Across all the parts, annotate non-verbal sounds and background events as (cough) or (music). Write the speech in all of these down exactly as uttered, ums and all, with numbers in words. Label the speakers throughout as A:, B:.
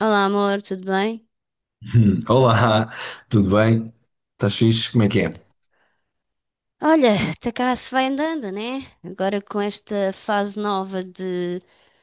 A: Olá, amor, tudo bem?
B: (laughs) Hum, Olá, tudo bem? Estás fixe? Como é que é?
A: Olha, até cá se vai andando, né? Agora com esta fase nova de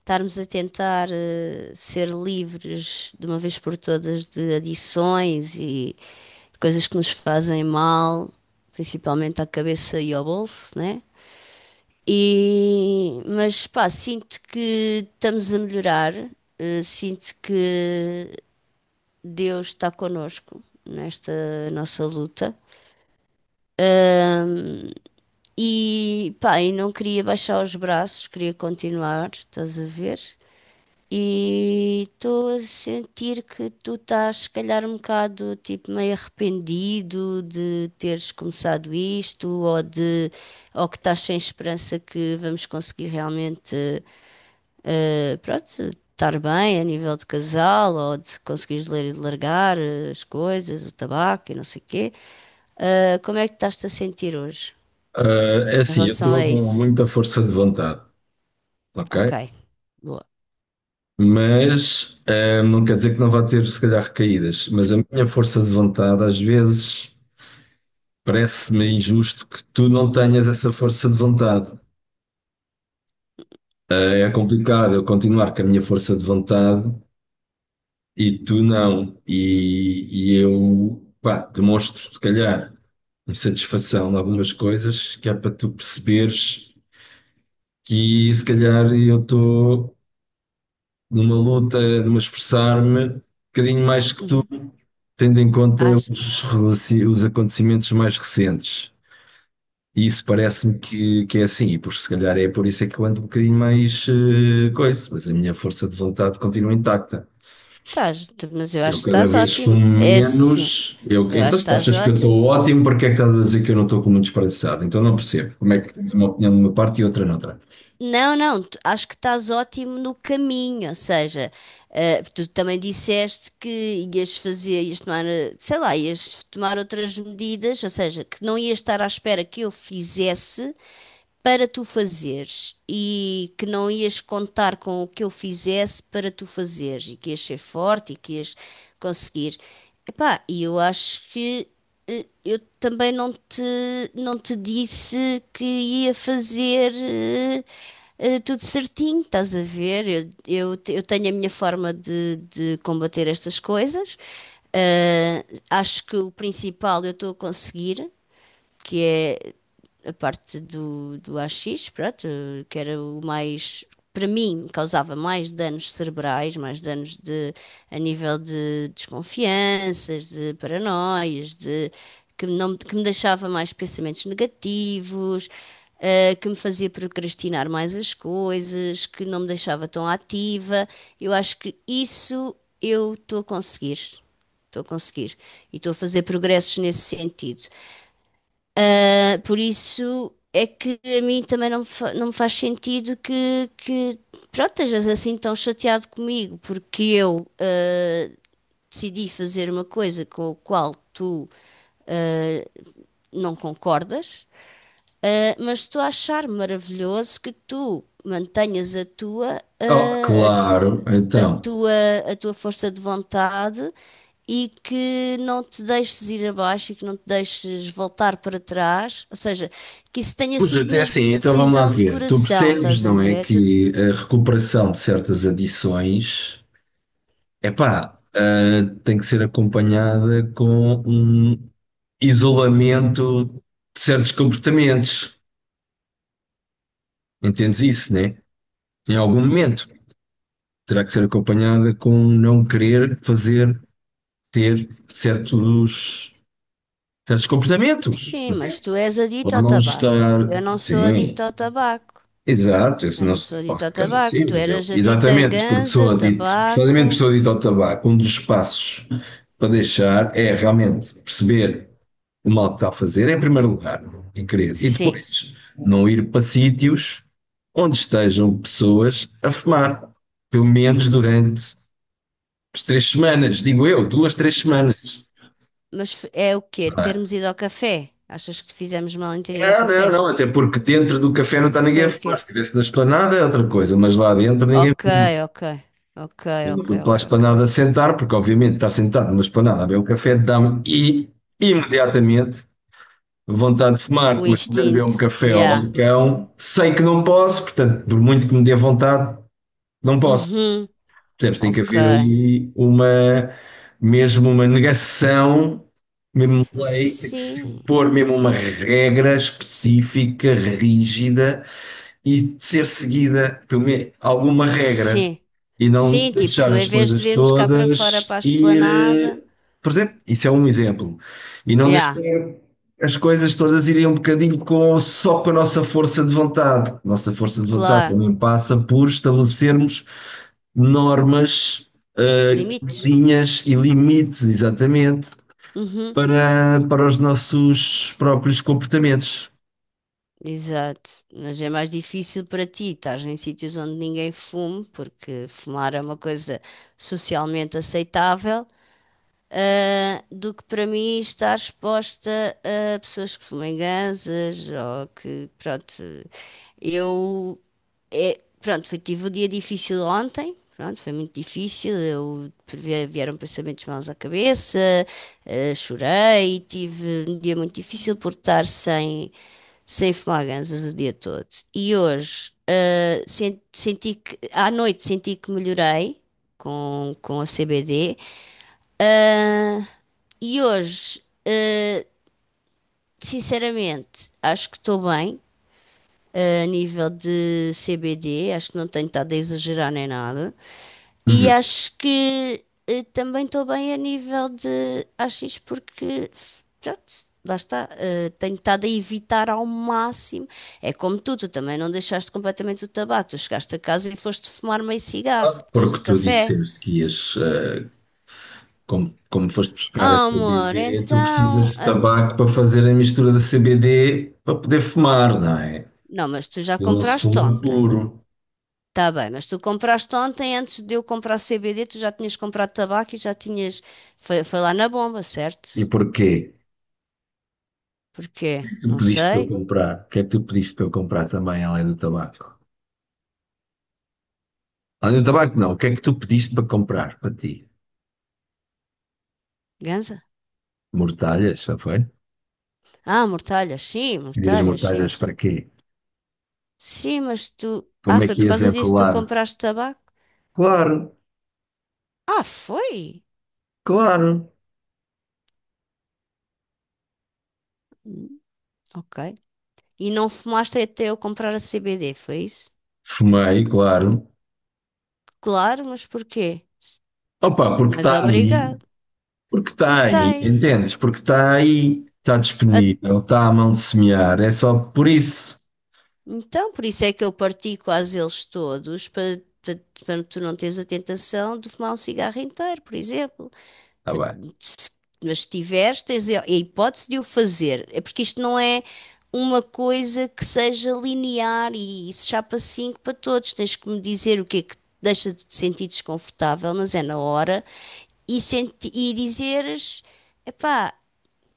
A: estarmos a tentar eh, ser livres de uma vez por todas de adições e de coisas que nos fazem mal, principalmente à cabeça e ao bolso, né? E, mas pá, sinto que estamos a melhorar, eh, sinto que Deus está connosco nesta nossa luta. E pá, e não queria baixar os braços, queria continuar, estás a ver? E estou a sentir que tu estás, se calhar, um bocado tipo meio arrependido de teres começado isto, ou de, ou que estás sem esperança que vamos conseguir realmente, eh, pronto, estar bem a nível de casal, ou de conseguires ler e largar eh, as coisas, o tabaco e não sei o quê. Eh, como é que estás-te a sentir hoje
B: Ah, é
A: em
B: assim, eu
A: relação
B: estou
A: a
B: com
A: isso?
B: muita força de vontade,
A: Ok,
B: ok?
A: boa.
B: Mas ah, não quer dizer que não vá ter, se calhar, recaídas. Mas a minha força de vontade, às vezes, parece-me injusto que tu não tenhas essa força de vontade. É complicado eu continuar com a minha força de vontade e tu não. E, e eu, pá, demonstro, se calhar, insatisfação em algumas coisas que é para tu perceberes. Que se calhar eu estou numa luta, numa esforçar-me, um bocadinho mais que tu,
A: Uhum.
B: tendo em conta
A: Achas?
B: os, relaci- os acontecimentos mais recentes. E isso parece-me que, que é assim, e por se calhar é por isso é que eu ando um bocadinho mais eh, coisa, mas a minha força de vontade continua intacta.
A: Estás, t- mas eu acho
B: Eu
A: que
B: cada
A: estás
B: vez fumo
A: ótimo. É assim,
B: menos. Eu,
A: eu
B: então,
A: acho que
B: se tu
A: estás
B: achas que eu estou
A: ótimo.
B: ótimo, porque é que estás a dizer que eu não estou com muito desperdiçado? Então não percebo como é que tens uma opinião de uma parte e outra noutra.
A: Não, não, tu- acho que estás ótimo no caminho, ou seja, eh, tu também disseste que ias fazer, ias tomar, eh, sei lá, ias tomar outras medidas, ou seja, que não ias estar à espera que eu fizesse para tu fazeres e que não ias contar com o que eu fizesse para tu fazeres e que ias ser forte e que ias conseguir. Epá, e eu acho que eh, eu também não te, não te disse que ia fazer eh, eh, tudo certinho, estás a ver? Eu, eu, te- eu tenho a minha forma de, de combater estas coisas. Eh, Acho que o principal eu estou a conseguir, que é a parte do, do A X, pronto, que era o mais, para mim, causava mais danos cerebrais, mais danos de, a nível de desconfianças, de paranoias, de, que, não, que me deixava mais pensamentos negativos, eh, que me fazia procrastinar mais as coisas, que não me deixava tão ativa. Eu acho que isso eu estou a conseguir. Estou a conseguir. E estou a fazer progressos nesse sentido. Ah, por isso é que a mim também não me, fa- não me faz sentido que, que, pronto, estejas assim tão chateado comigo, porque eu ah, decidi fazer uma coisa com a qual tu ah, não concordas. Uh, mas estou a achar maravilhoso que tu mantenhas a tua,
B: Oh,
A: uh, a tu-
B: claro,
A: a
B: então,
A: tua, a tua força de vontade e que não te deixes ir abaixo e que não te deixes voltar para trás. Ou seja, que isso tenha
B: mas
A: sido
B: até
A: mesmo
B: assim,
A: uma
B: então vamos lá
A: decisão de
B: ver. Tu
A: coração,
B: percebes,
A: estás a
B: não é,
A: ver? Tu,
B: que a recuperação de certas adições, epá, ah, tem que ser acompanhada com um isolamento de certos comportamentos. Entendes isso, né? Em algum momento terá que ser acompanhada com não querer fazer, ter certos, certos comportamentos.
A: sim, mas tu és
B: Ou
A: adicto ao
B: não
A: tabaco. Eu
B: estar,
A: não sou
B: sim,
A: adicto ao tabaco.
B: exato, isso
A: Eu
B: não
A: não
B: se
A: sou
B: pode
A: adicto ao
B: ficar
A: tabaco.
B: assim,
A: Tu
B: mas eu.
A: eras adicto a
B: Exatamente, porque sou
A: ganza,
B: adito, precisamente
A: tabaco.
B: porque sou adito ao tabaco, um dos passos para deixar é realmente perceber o mal que está a fazer, em primeiro lugar, e querer. E
A: Sim.
B: depois, não ir para sítios onde estejam pessoas a fumar, pelo menos durante as três semanas, digo eu, duas, três semanas.
A: Mas f- é o quê?
B: Não, é?
A: Termos ido ao café? Achas que fizemos mal em ter ido ao
B: Não,
A: café?
B: não, não, até porque dentro do café não está ninguém
A: Foi
B: a
A: o quê?
B: fumar. Se estivesse na esplanada é outra coisa, mas lá dentro ninguém
A: Ok,
B: fuma.
A: ok. Ok,
B: Eu não
A: ok,
B: fui para a
A: ok, ok.
B: esplanada sentar, porque obviamente estar sentado numa esplanada a beber um café dá-me e imediatamente vontade de fumar,
A: O
B: mas poder beber
A: instinto.
B: um café ao
A: Yeah.
B: balcão, sei que não posso, portanto, por muito que me dê vontade, não posso.
A: Uhum.
B: Percebes? Tem que
A: Ok.
B: haver ali uma, mesmo uma negação, mesmo uma lei, tem que se
A: Sim.
B: pôr mesmo uma regra específica, rígida, e ser seguida por me- alguma regra
A: Sim.
B: e não
A: Sim,
B: deixar
A: tipo, em
B: as
A: vez de
B: coisas
A: virmos cá para fora
B: todas
A: para a
B: ir.
A: esplanada.
B: eh, Por exemplo, isso é um exemplo. E não deixar
A: Yeah,
B: as coisas todas irem um bocadinho com, só com a nossa força de vontade. Nossa força de vontade
A: claro.
B: também passa por estabelecermos normas, eh,
A: Limites.
B: linhas e limites, exatamente,
A: Uhum.
B: para, para os nossos próprios comportamentos.
A: Exato. Mas é mais difícil para ti, estás em sítios onde ninguém fume, porque fumar é uma coisa socialmente aceitável. Ah, do que para mim estar exposta a pessoas que fumem ganzas ou que, pronto, eu, é, pronto, foi, tive um dia difícil ontem, pronto, foi muito difícil, eu, vi- vieram pensamentos maus à cabeça, ah, chorei, tive um dia muito difícil por estar sem, sem fumar ganzas o dia todo. E hoje, ah, sen- senti que, à noite senti que melhorei com, com a C B D, e hoje, eh, sinceramente, acho que estou bem, eh, a nível de C B D, acho que não tenho estado a exagerar nem nada. E
B: Uhum.
A: acho que eh, também estou bem a nível de A X, porque, pronto, lá está, eh, tenho estado a evitar ao máximo. É como tu, tu também não deixaste completamente o tabaco, tu chegaste a casa e foste fumar meio cigarro depois do
B: Porque tu
A: café.
B: disseste que ias como, como foste buscar a
A: Ah, amor,
B: C B D, tu
A: então.
B: precisas de
A: Ah,
B: tabaco para fazer a mistura da C B D para poder fumar, não é?
A: não, mas tu já
B: Ele não se
A: compraste
B: fuma
A: ontem.
B: puro.
A: Tá bem, mas tu compraste ontem, antes de eu comprar C B D, tu já tinhas comprado tabaco e já tinhas. Foi, foi lá na bomba, certo?
B: E porquê? O que
A: Porquê?
B: é que tu
A: Não
B: pediste para eu
A: sei.
B: comprar? O que é que tu pediste para eu comprar também, além do tabaco? Além do tabaco, não. O que é que tu pediste para comprar para ti?
A: Ganza?
B: Mortalhas, já foi?
A: Ah, mortalhas, sim,
B: Querias
A: mortalhas,
B: mortalhas
A: sim.
B: para quê?
A: Sim, mas tu. Ah,
B: Como é
A: foi
B: que
A: por
B: ias
A: causa disso que tu
B: enrolar?
A: compraste tabaco?
B: Claro,
A: Ah, foi?
B: claro.
A: Hum. Ok. E não fumaste até eu comprar a C B D, foi isso?
B: Fumei, claro.
A: Claro, mas porquê?
B: Opa, porque
A: Não és
B: está ali
A: obrigado.
B: porque está
A: Porque
B: aí,
A: tem.
B: entendes? Porque está aí, está disponível, está à mão de semear, é só por isso.
A: Então, por isso é que eu parti quase eles todos, para, para, para tu não teres a tentação de fumar um cigarro inteiro, por exemplo.
B: Tá
A: Pa-
B: bem.
A: se- Mas se tiveres, tens a a hipótese de o fazer. É porque isto não é uma coisa que seja linear e se chapa cinco para todos. Tens que me dizer o que é que te deixa de te sentir desconfortável, mas é na hora, e, senti e dizeres, epá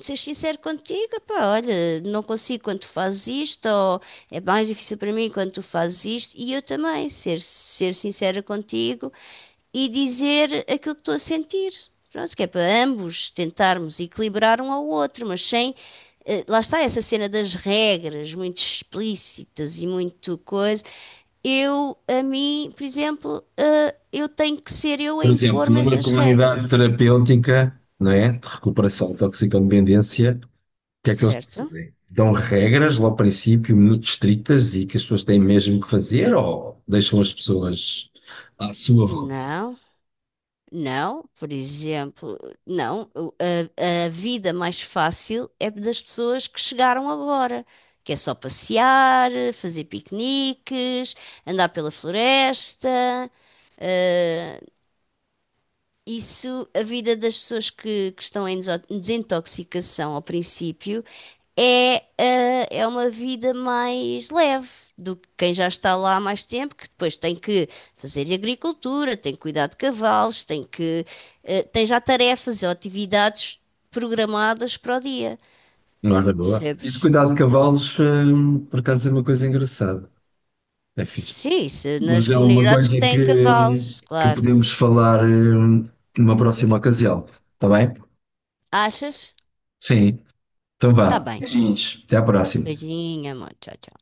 A: ser sincero contigo, pá, olha, não consigo quando tu fazes isto, ou é mais difícil para mim quando tu fazes isto, e eu também, ser, ser sincera contigo e dizer aquilo que estou a sentir. Pronto, que é para ambos tentarmos equilibrar um ao outro, mas sem. eh, Lá está essa cena das regras muito explícitas e muito coisa. Eu, a mim, por exemplo, eh, eu tenho que ser eu a
B: Por exemplo,
A: impor-me
B: numa
A: essas
B: comunidade
A: regras,
B: terapêutica, não é? De recuperação de toxicodependência, o que é que eles
A: certo?
B: fazem? Dão regras lá ao princípio muito estritas e que as pessoas têm mesmo que fazer ou deixam as pessoas à sua vontade?
A: Não, não, por exemplo, não. O- A, a vida mais fácil é das pessoas que chegaram agora, que é só passear, fazer piqueniques, andar pela floresta. Isso, a vida das pessoas que, que estão em deso- desintoxicação ao princípio é, ah, é uma vida mais leve do que quem já está lá há mais tempo, que depois tem que fazer agricultura, tem que cuidar de cavalos, tem que, ah, tem já tarefas ou atividades programadas para o dia,
B: Não é boa. Isso,
A: percebes?
B: cuidado de cavalos, hum, por acaso é uma coisa engraçada. É fixe.
A: Sim, isso, nas
B: Mas é uma
A: comunidades
B: coisa
A: que têm
B: que,
A: cavalos,
B: que
A: claro.
B: podemos falar eh, numa próxima ocasião, está bem?
A: Achas?
B: Sim, então
A: Tá
B: vá.
A: bem.
B: Beijinhos, até à próxima.
A: Beijinho, amor. Tchau, tchau.